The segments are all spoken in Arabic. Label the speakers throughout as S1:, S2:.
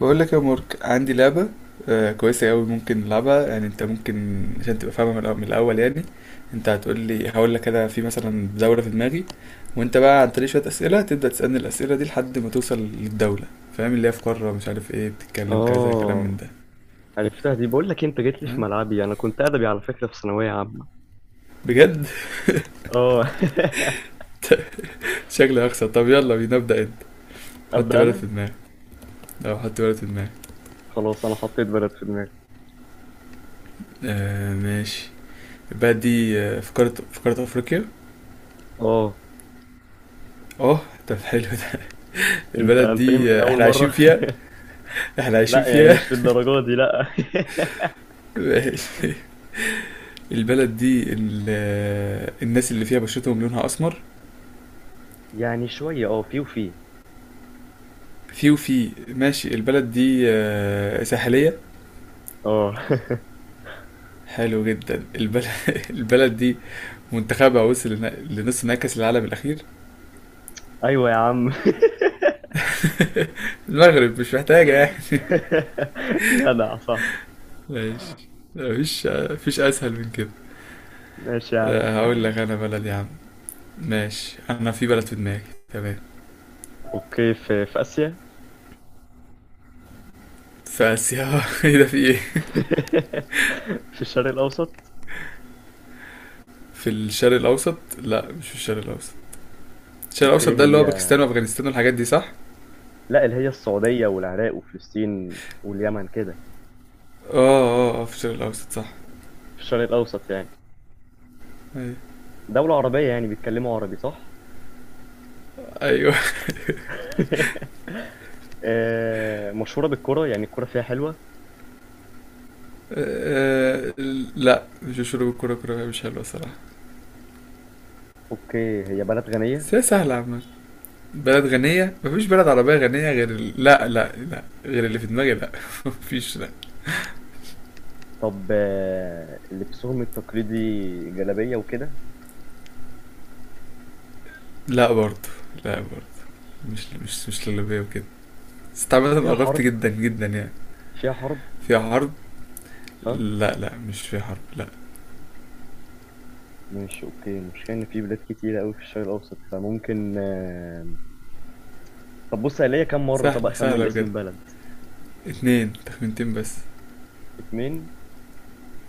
S1: بقول لك يا مارك عندي لعبة. آه، كويسة أوي ممكن نلعبها. يعني أنت ممكن عشان تبقى فاهمة من الأول يعني. أنت هتقول لي، هقول لك أنا في مثلا دولة في دماغي، وأنت بقى عن طريق شوية أسئلة تبدأ تسألني الأسئلة دي لحد ما توصل للدولة. فاهم؟ اللي هي في قارة، مش عارف إيه، بتتكلم كذا كلام من
S2: اه.
S1: ده.
S2: عرفتها دي، بقول لك إيه، انت جيت لي في
S1: فاهم؟
S2: ملعبي، انا كنت ادبي على فكره في ثانويه عامه.
S1: بجد؟
S2: اه.
S1: شكلي هخسر. طب يلا بينا ابدأ أنت. حط
S2: ابدا
S1: بلد في
S2: انا.
S1: دماغك. أه حط بلد في دماغك.
S2: خلاص انا حطيت بلد في دماغي.
S1: آه ماشي. البلد دي في قارة، في قارة أفريقيا.
S2: اه.
S1: أه. طب حلو ده.
S2: انت
S1: البلد
S2: انت ايه
S1: دي
S2: من اول
S1: إحنا عايشين
S2: مره؟
S1: فيها؟ احنا عايشين
S2: لا يعني
S1: فيها؟
S2: مش للدرجه دي لا.
S1: البلد دي ال- الناس اللي فيها بشرتهم لونها اسمر؟
S2: يعني شويه، في وفي.
S1: في وفي، ماشي. البلد دي ساحلية؟
S2: اه.
S1: حلو جدا البلد. البلد دي منتخبها وصل لنص نهائي كأس العالم الأخير.
S2: ايوه يا عم.
S1: المغرب، مش محتاجة يعني.
S2: جدع صح.
S1: ماشي. مفيش أسهل من كده.
S2: ماشي يا عم.
S1: آه، هقول لك أنا بلد يا عم. ماشي، أنا في بلد في دماغي، تمام.
S2: اوكي، في اسيا.
S1: في آسيا؟ ايه ده، في إيه؟
S2: في الشرق الاوسط.
S1: في الشرق الأوسط؟ لا مش في الشرق الأوسط. الشرق
S2: اوكي
S1: الاوسط ده اللي
S2: هي.
S1: هو باكستان وافغانستان والحاجات دي صح؟
S2: لا، اللي هي السعوديه والعراق وفلسطين واليمن كده.
S1: اه، اه اه في الشرق الاوسط صح.
S2: في الشرق الأوسط يعني.
S1: ايوه.
S2: دولة عربية يعني بيتكلموا عربي صح؟
S1: ايوه.
S2: مشهورة بالكرة، يعني الكرة فيها حلوة.
S1: آه، لا مش مشهورة بالكرة، كرة مش حلوة صراحة.
S2: أوكي هي بلد غنية.
S1: بس هي سهلة عامة. بلد غنية؟ مفيش بلد عربية غنية غير ال... لا لا لا، غير اللي في دماغي لا. مفيش لا.
S2: طب لبسهم التقليدي، جلابية وكده.
S1: لا برضه. لا برضه. مش للبية وكده. بس عامة
S2: فيها
S1: قربت
S2: حرب.
S1: جدا جدا يعني.
S2: فيها حرب.
S1: فيها حرب؟
S2: ها.
S1: لا لا مش فيها حرب لا.
S2: ماشي أوكي، المشكلة إن في بلاد كتيرة أوي في الشرق الأوسط، فممكن. طب بص، هي ليا كام مرة؟ طب
S1: سهلة،
S2: أخمن
S1: سهلة
S2: اسم
S1: بجد.
S2: البلد.
S1: اتنين تخمينتين بس.
S2: اتنين.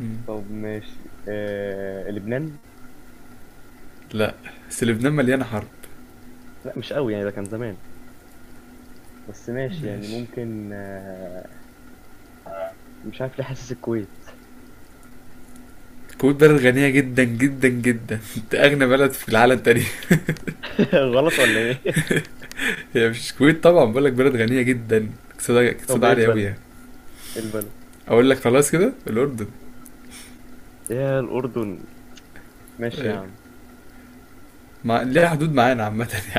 S1: مم.
S2: طب ماشي، لبنان.
S1: لا، بس لبنان مليانة حرب.
S2: لا مش قوي يعني، ده كان زمان. بس ماشي يعني
S1: ماشي.
S2: ممكن. مش عارف ليه حاسس الكويت.
S1: الكويت بلد غنية جدا جدا جدا. دي أغنى بلد في العالم تقريبا.
S2: غلط ولا ايه؟
S1: هي مش الكويت طبعا، بقول لك بلد غنية جدا، اقتصادها،
S2: طب
S1: اقتصادها
S2: ايه
S1: عالي أوي
S2: البلد؟
S1: يعني.
S2: إيه البلد؟
S1: أقول لك خلاص كده، الأردن.
S2: يا الاردن. ماشي يا
S1: أيوة.
S2: عم.
S1: ليها حدود معانا عامة.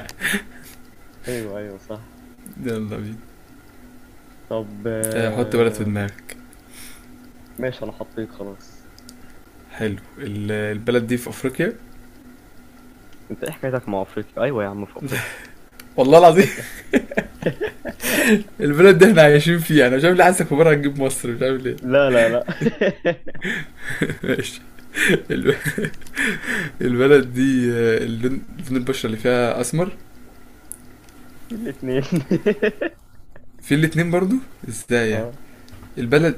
S2: ايوه ايوه صح.
S1: يلا بينا.
S2: طب
S1: آه، حط بلد في
S2: آه،
S1: دماغك.
S2: ماشي انا حطيت خلاص.
S1: حلو. البلد دي في أفريقيا.
S2: انت ايه حكايتك مع افريقيا؟ ايوه يا عم في افريقيا.
S1: والله العظيم. البلد دي احنا عايشين فيها، انا مش عارف ليه حاسسك بره هتجيب مصر، مش عارف ليه.
S2: لا لا لا.
S1: ماشي. الب- البلد دي اللون، لون البشرة اللي فيها أسمر.
S2: في الاثنين.
S1: في الاتنين برضو. ازاي يعني؟
S2: اه
S1: البلد،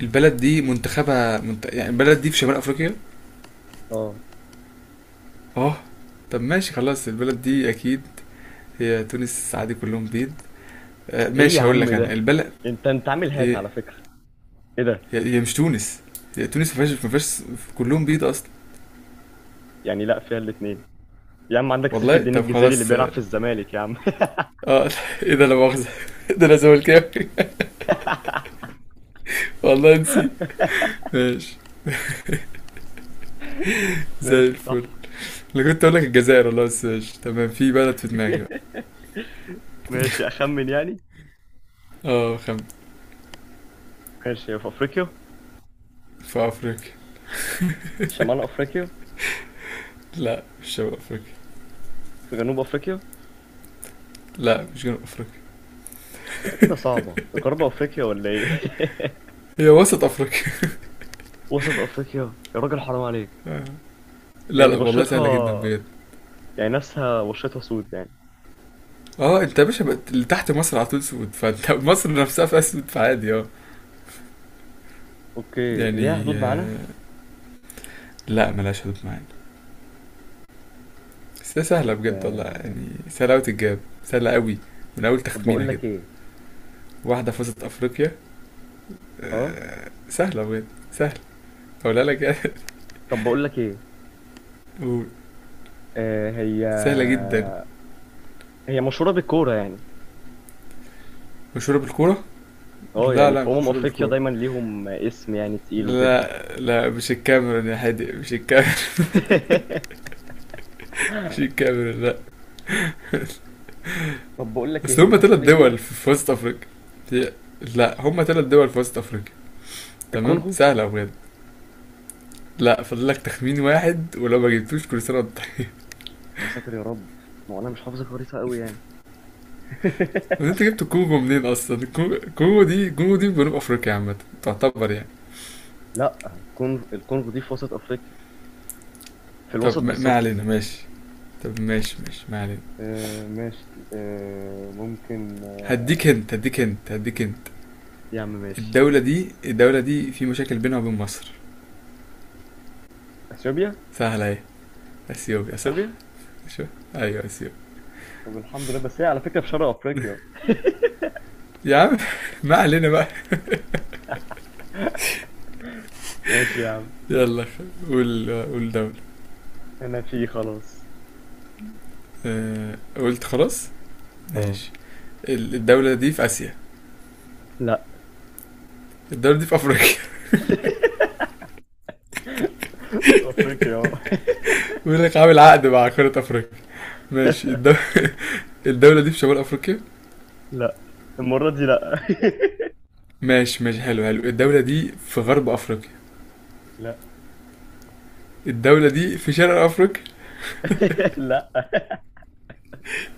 S1: البلد دي منتخبها يعني البلد دي في شمال افريقيا.
S2: اه.
S1: اه. طب ماشي خلاص، البلد دي اكيد هي تونس، السعادي كلهم بيض. آه
S2: ايه يا
S1: ماشي، هقول
S2: عم
S1: لك انا
S2: ده؟
S1: البلد.
S2: انت عامل هاك
S1: ايه؟
S2: على فكره. ايه ده؟
S1: هي مش تونس. هي تونس ما فيهاش كلهم بيض اصلا.
S2: يعني لا، فيها الاثنين. يا عم عندك سيف
S1: والله
S2: الدين
S1: طب
S2: الجزيري اللي
S1: خلاص
S2: بيلعب
S1: اه.
S2: في الزمالك يا عم.
S1: آه، ايه ده، لا مؤاخذة، ده انا زملكاوي. والله نسيت. زي
S2: ماشي
S1: الفل.
S2: صح.
S1: انا كنت اقول لك الجزائر والله، بس ماشي تمام. في بلد في دماغي بقى.
S2: ماشي اخمن يعني.
S1: اه خم.
S2: ماشي، في افريقيا.
S1: في افريقيا.
S2: شمال افريقيا.
S1: لا مش شمال افريقيا.
S2: في جنوب افريقيا.
S1: لا مش جنوب افريقيا.
S2: لا كده صعبة، غرب افريقيا ولا ايه؟
S1: هي وسط افريقيا.
S2: وسط افريقيا؟ يا راجل حرام عليك.
S1: آه. لا لا
S2: يعني
S1: والله سهلة جدا
S2: بشرتها،
S1: بجد.
S2: يعني ناسها بشرتها سود يعني.
S1: اه، انت يا باشا بقت اللي تحت مصر على طول سود، فانت مصر نفسها في اسود فعادي اه
S2: اوكي، ليها
S1: يعني.
S2: حدود
S1: آه،
S2: معانا.
S1: لا ملهاش حدود معانا. بس هي
S2: طب
S1: سهلة بجد والله،
S2: آه،
S1: يعني سهلة أوي تتجاب. سهلة أوي، من أول
S2: طب
S1: تخمينة
S2: بقول
S1: كده.
S2: لك ايه.
S1: واحدة فازت أفريقيا.
S2: اه.
S1: آه، سهلة بجد، سهلة. أقولها لك يعني.
S2: طب بقول لك ايه.
S1: قول.
S2: هي.
S1: سهلة جدا.
S2: هي مشهورة بالكورة يعني.
S1: مشهورة بالكورة؟
S2: اه
S1: لا
S2: يعني
S1: لا
S2: في
S1: مش مشهورة
S2: افريقيا
S1: بالكورة.
S2: دايما ليهم اسم يعني تقيل وكده.
S1: لا لا مش الكاميرون يا حادق، مش الكاميرون. مش الكاميرون لا.
S2: طب بقول لك ايه،
S1: بس
S2: هي
S1: هما
S2: تحت
S1: تلات دول
S2: ليبيا؟
S1: في وسط افريقيا. هي- لا هما تلات دول في وسط افريقيا. تمام.
S2: الكونغو.
S1: سهلة بجد. لا فاضل لك تخمين واحد، ولو ما جبتوش كل سنة وانت طيب.
S2: يا ساتر يا رب، ما هو انا مش حافظ الخريطه قوي يعني.
S1: وانت جبت كونغو منين اصلا، كونغو دي، كونغو دي في جنوب افريقيا عامة تعتبر يعني.
S2: لا، الكونغو دي في وسط افريقيا، في الوسط
S1: طب ما علينا
S2: بالظبط.
S1: ماشي. طب ماشي ماشي ما علينا.
S2: ماشي، ممكن.
S1: هديك انت.
S2: يا عم ماشي.
S1: الدولة دي، الدولة دي في مشاكل بينها وبين مصر.
S2: اثيوبيا.
S1: سهلة اهي. اثيوبيا صح؟
S2: اثيوبيا.
S1: شو؟ ايوه اثيوبيا.
S2: طب الحمد لله، بس هي على فكره في شرق افريقيا.
S1: يا عم ما علينا بقى.
S2: ماشي يا عم.
S1: يلا، قول، قول دولة.
S2: انا في خلاص.
S1: آه، قلت خلاص؟
S2: اه.
S1: ماشي. الدولة دي في آسيا؟
S2: لا.
S1: الدولة دي في أفريقيا.
S2: في افريقيا.
S1: بيقول لك عامل عقد مع قارة أفريقيا. ماشي. الدولة دي في شمال أفريقيا؟
S2: لا، المره دي لا.
S1: ماشي ماشي، حلو حلو. الدولة دي في غرب أفريقيا؟
S2: لا.
S1: الدولة دي في شرق أفريقيا؟
S2: لا.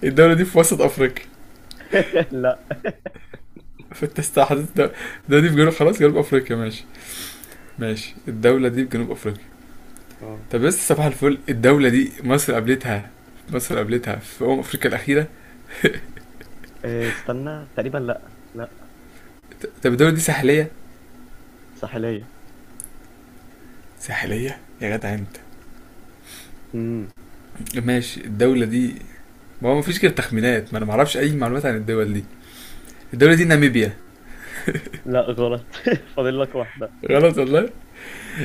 S1: الدولة دي في وسط أفريقيا؟
S2: لا.
S1: فأنت استحدثت الدولة. الدولة دي في جنوب، خلاص جنوب أفريقيا ماشي. ماشي الدولة دي في جنوب أفريقيا.
S2: آه.
S1: طب بس صباح الفل، الدولة دي مصر قابلتها، مصر قابلتها في أمم أفريقيا الأخيرة.
S2: استنى تقريبا، لا لا.
S1: طب الدولة دي ساحلية؟
S2: ساحليه.
S1: ساحلية يا جدع انت.
S2: مم.
S1: ماشي. الدولة دي، ما هو مفيش كده تخمينات، ما انا معرفش اي معلومات عن الدول دي. الدولة دي ناميبيا.
S2: لا غلط. فاضل لك واحدة.
S1: غلط والله.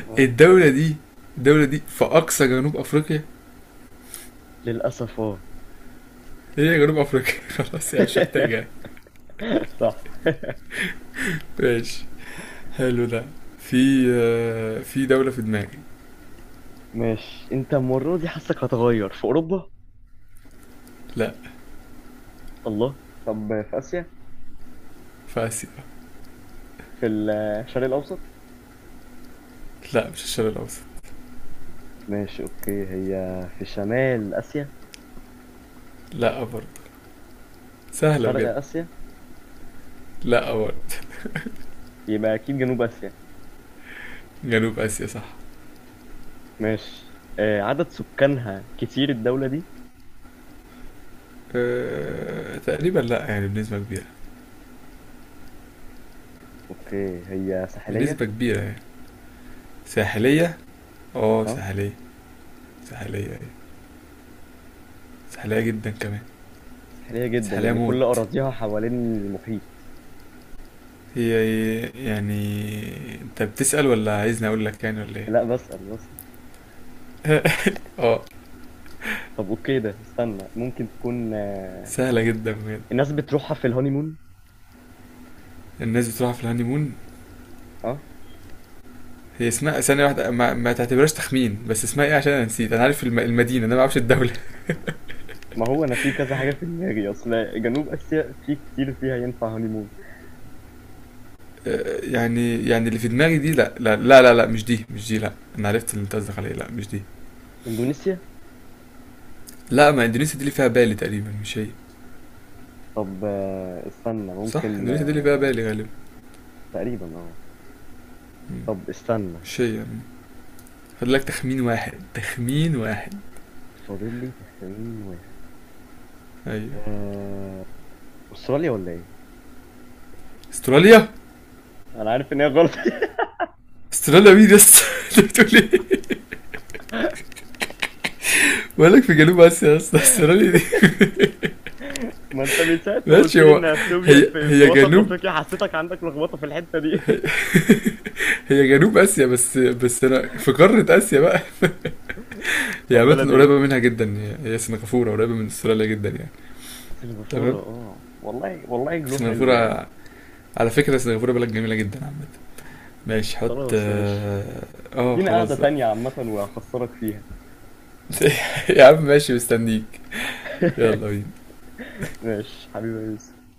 S2: آه.
S1: الدولة دي، الدولة دي في اقصى جنوب افريقيا.
S2: للأسف اه.
S1: هي جنوب افريقيا. خلاص يعني مش محتاجة.
S2: صح.
S1: ماشي. حلو ده. في آه، في دولة في دماغي.
S2: ماشي، انت المرة دي حاسك هتغير في أوروبا.
S1: لا.
S2: الله. طب في آسيا.
S1: في اسيا.
S2: في الشرق الأوسط.
S1: لا مش الشرق الاوسط.
S2: ماشي أوكي هي. في شمال آسيا.
S1: لا برضه. سهلة
S2: شرق
S1: بجد.
S2: آسيا.
S1: لا برضه.
S2: يبقى أكيد جنوب آسيا.
S1: جنوب اسيا صح.
S2: ماشي، عدد سكانها كتير الدولة دي.
S1: أه تقريبا، لا يعني بنسبة كبيرة.
S2: أوكي هي ساحلية.
S1: بنسبة كبيرة يعني. ساحلية؟ اه
S2: اه
S1: ساحلية. ساحلية، سحلية جدا كمان.
S2: ساحلية جدا
S1: سحلية
S2: يعني، كل
S1: موت.
S2: أراضيها حوالين المحيط.
S1: هي، يعني، انت بتسأل ولا عايزني اقول لك يعني ولا ايه؟
S2: لا بسأل بسأل.
S1: اه.
S2: طب أوكي، ده استنى، ممكن تكون.
S1: سهلة جدا بجد.
S2: الناس بتروحها في الهونيمون.
S1: الناس بتروح في الهانيمون.
S2: اه.
S1: هي اسمها، ثانية واحدة، ما تعتبرهاش تخمين، بس اسمها ايه عشان انا نسيت، انا عارف المدينة، انا ما اعرفش الدولة.
S2: ما هو انا في كذا حاجه في دماغي اصل. جنوب اسيا في كتير فيها ينفع هونيمون.
S1: آه، يعني، يعني اللي في دماغي دي لا، مش دي، مش دي لا. انا عرفت اللي انت قصدك عليه، لا مش دي.
S2: اندونيسيا.
S1: لا، ما اندونيسيا دي اللي فيها بالي تقريبا، مش هي.
S2: طب استنى
S1: صح
S2: ممكن
S1: اندونيسيا دي اللي فيها
S2: آه،
S1: بالي غالبا.
S2: تقريبا اه.
S1: مم.
S2: طب استنى.
S1: مش هي يعني. فاضل لك تخمين واحد، تخمين واحد.
S2: فاضل لي تخمين واحد.
S1: ايوه.
S2: آه، استراليا ولا ايه؟
S1: استراليا.
S2: انا عارف ان هي غلط.
S1: استراليا مين يا اسطى؟ انت بتقول ايه، مالك في جنوب اسيا يا اسطى، استراليا دي.
S2: ما انت من ساعه ما قلت
S1: ماشي.
S2: لي
S1: هو،
S2: ان اثيوبيا
S1: هي
S2: في
S1: هي
S2: وسط
S1: جنوب،
S2: افريقيا، حسيتك عندك لخبطه في الحته دي.
S1: هي, هي جنوب اسيا، بس بس انا في قارة اسيا بقى. هي
S2: طب بلد
S1: عامة
S2: ايه؟
S1: قريبة منها جدا، هي سنغافورة قريبة من استراليا جدا يعني.
S2: سنغافوره.
S1: تمام.
S2: اه والله والله، حلو يعني.
S1: سنغافورة. على فكرة سنغافورة بلد جميلة جدا عامة. ماشي، حط
S2: خلاص ماشي.
S1: اه. آه،
S2: لينا قعده
S1: خلاص بقى.
S2: تانية عامه وهخسرك فيها.
S1: يا عم ماشي، مستنيك. يلا بينا.
S2: ماشي حبيبي يا يوسف.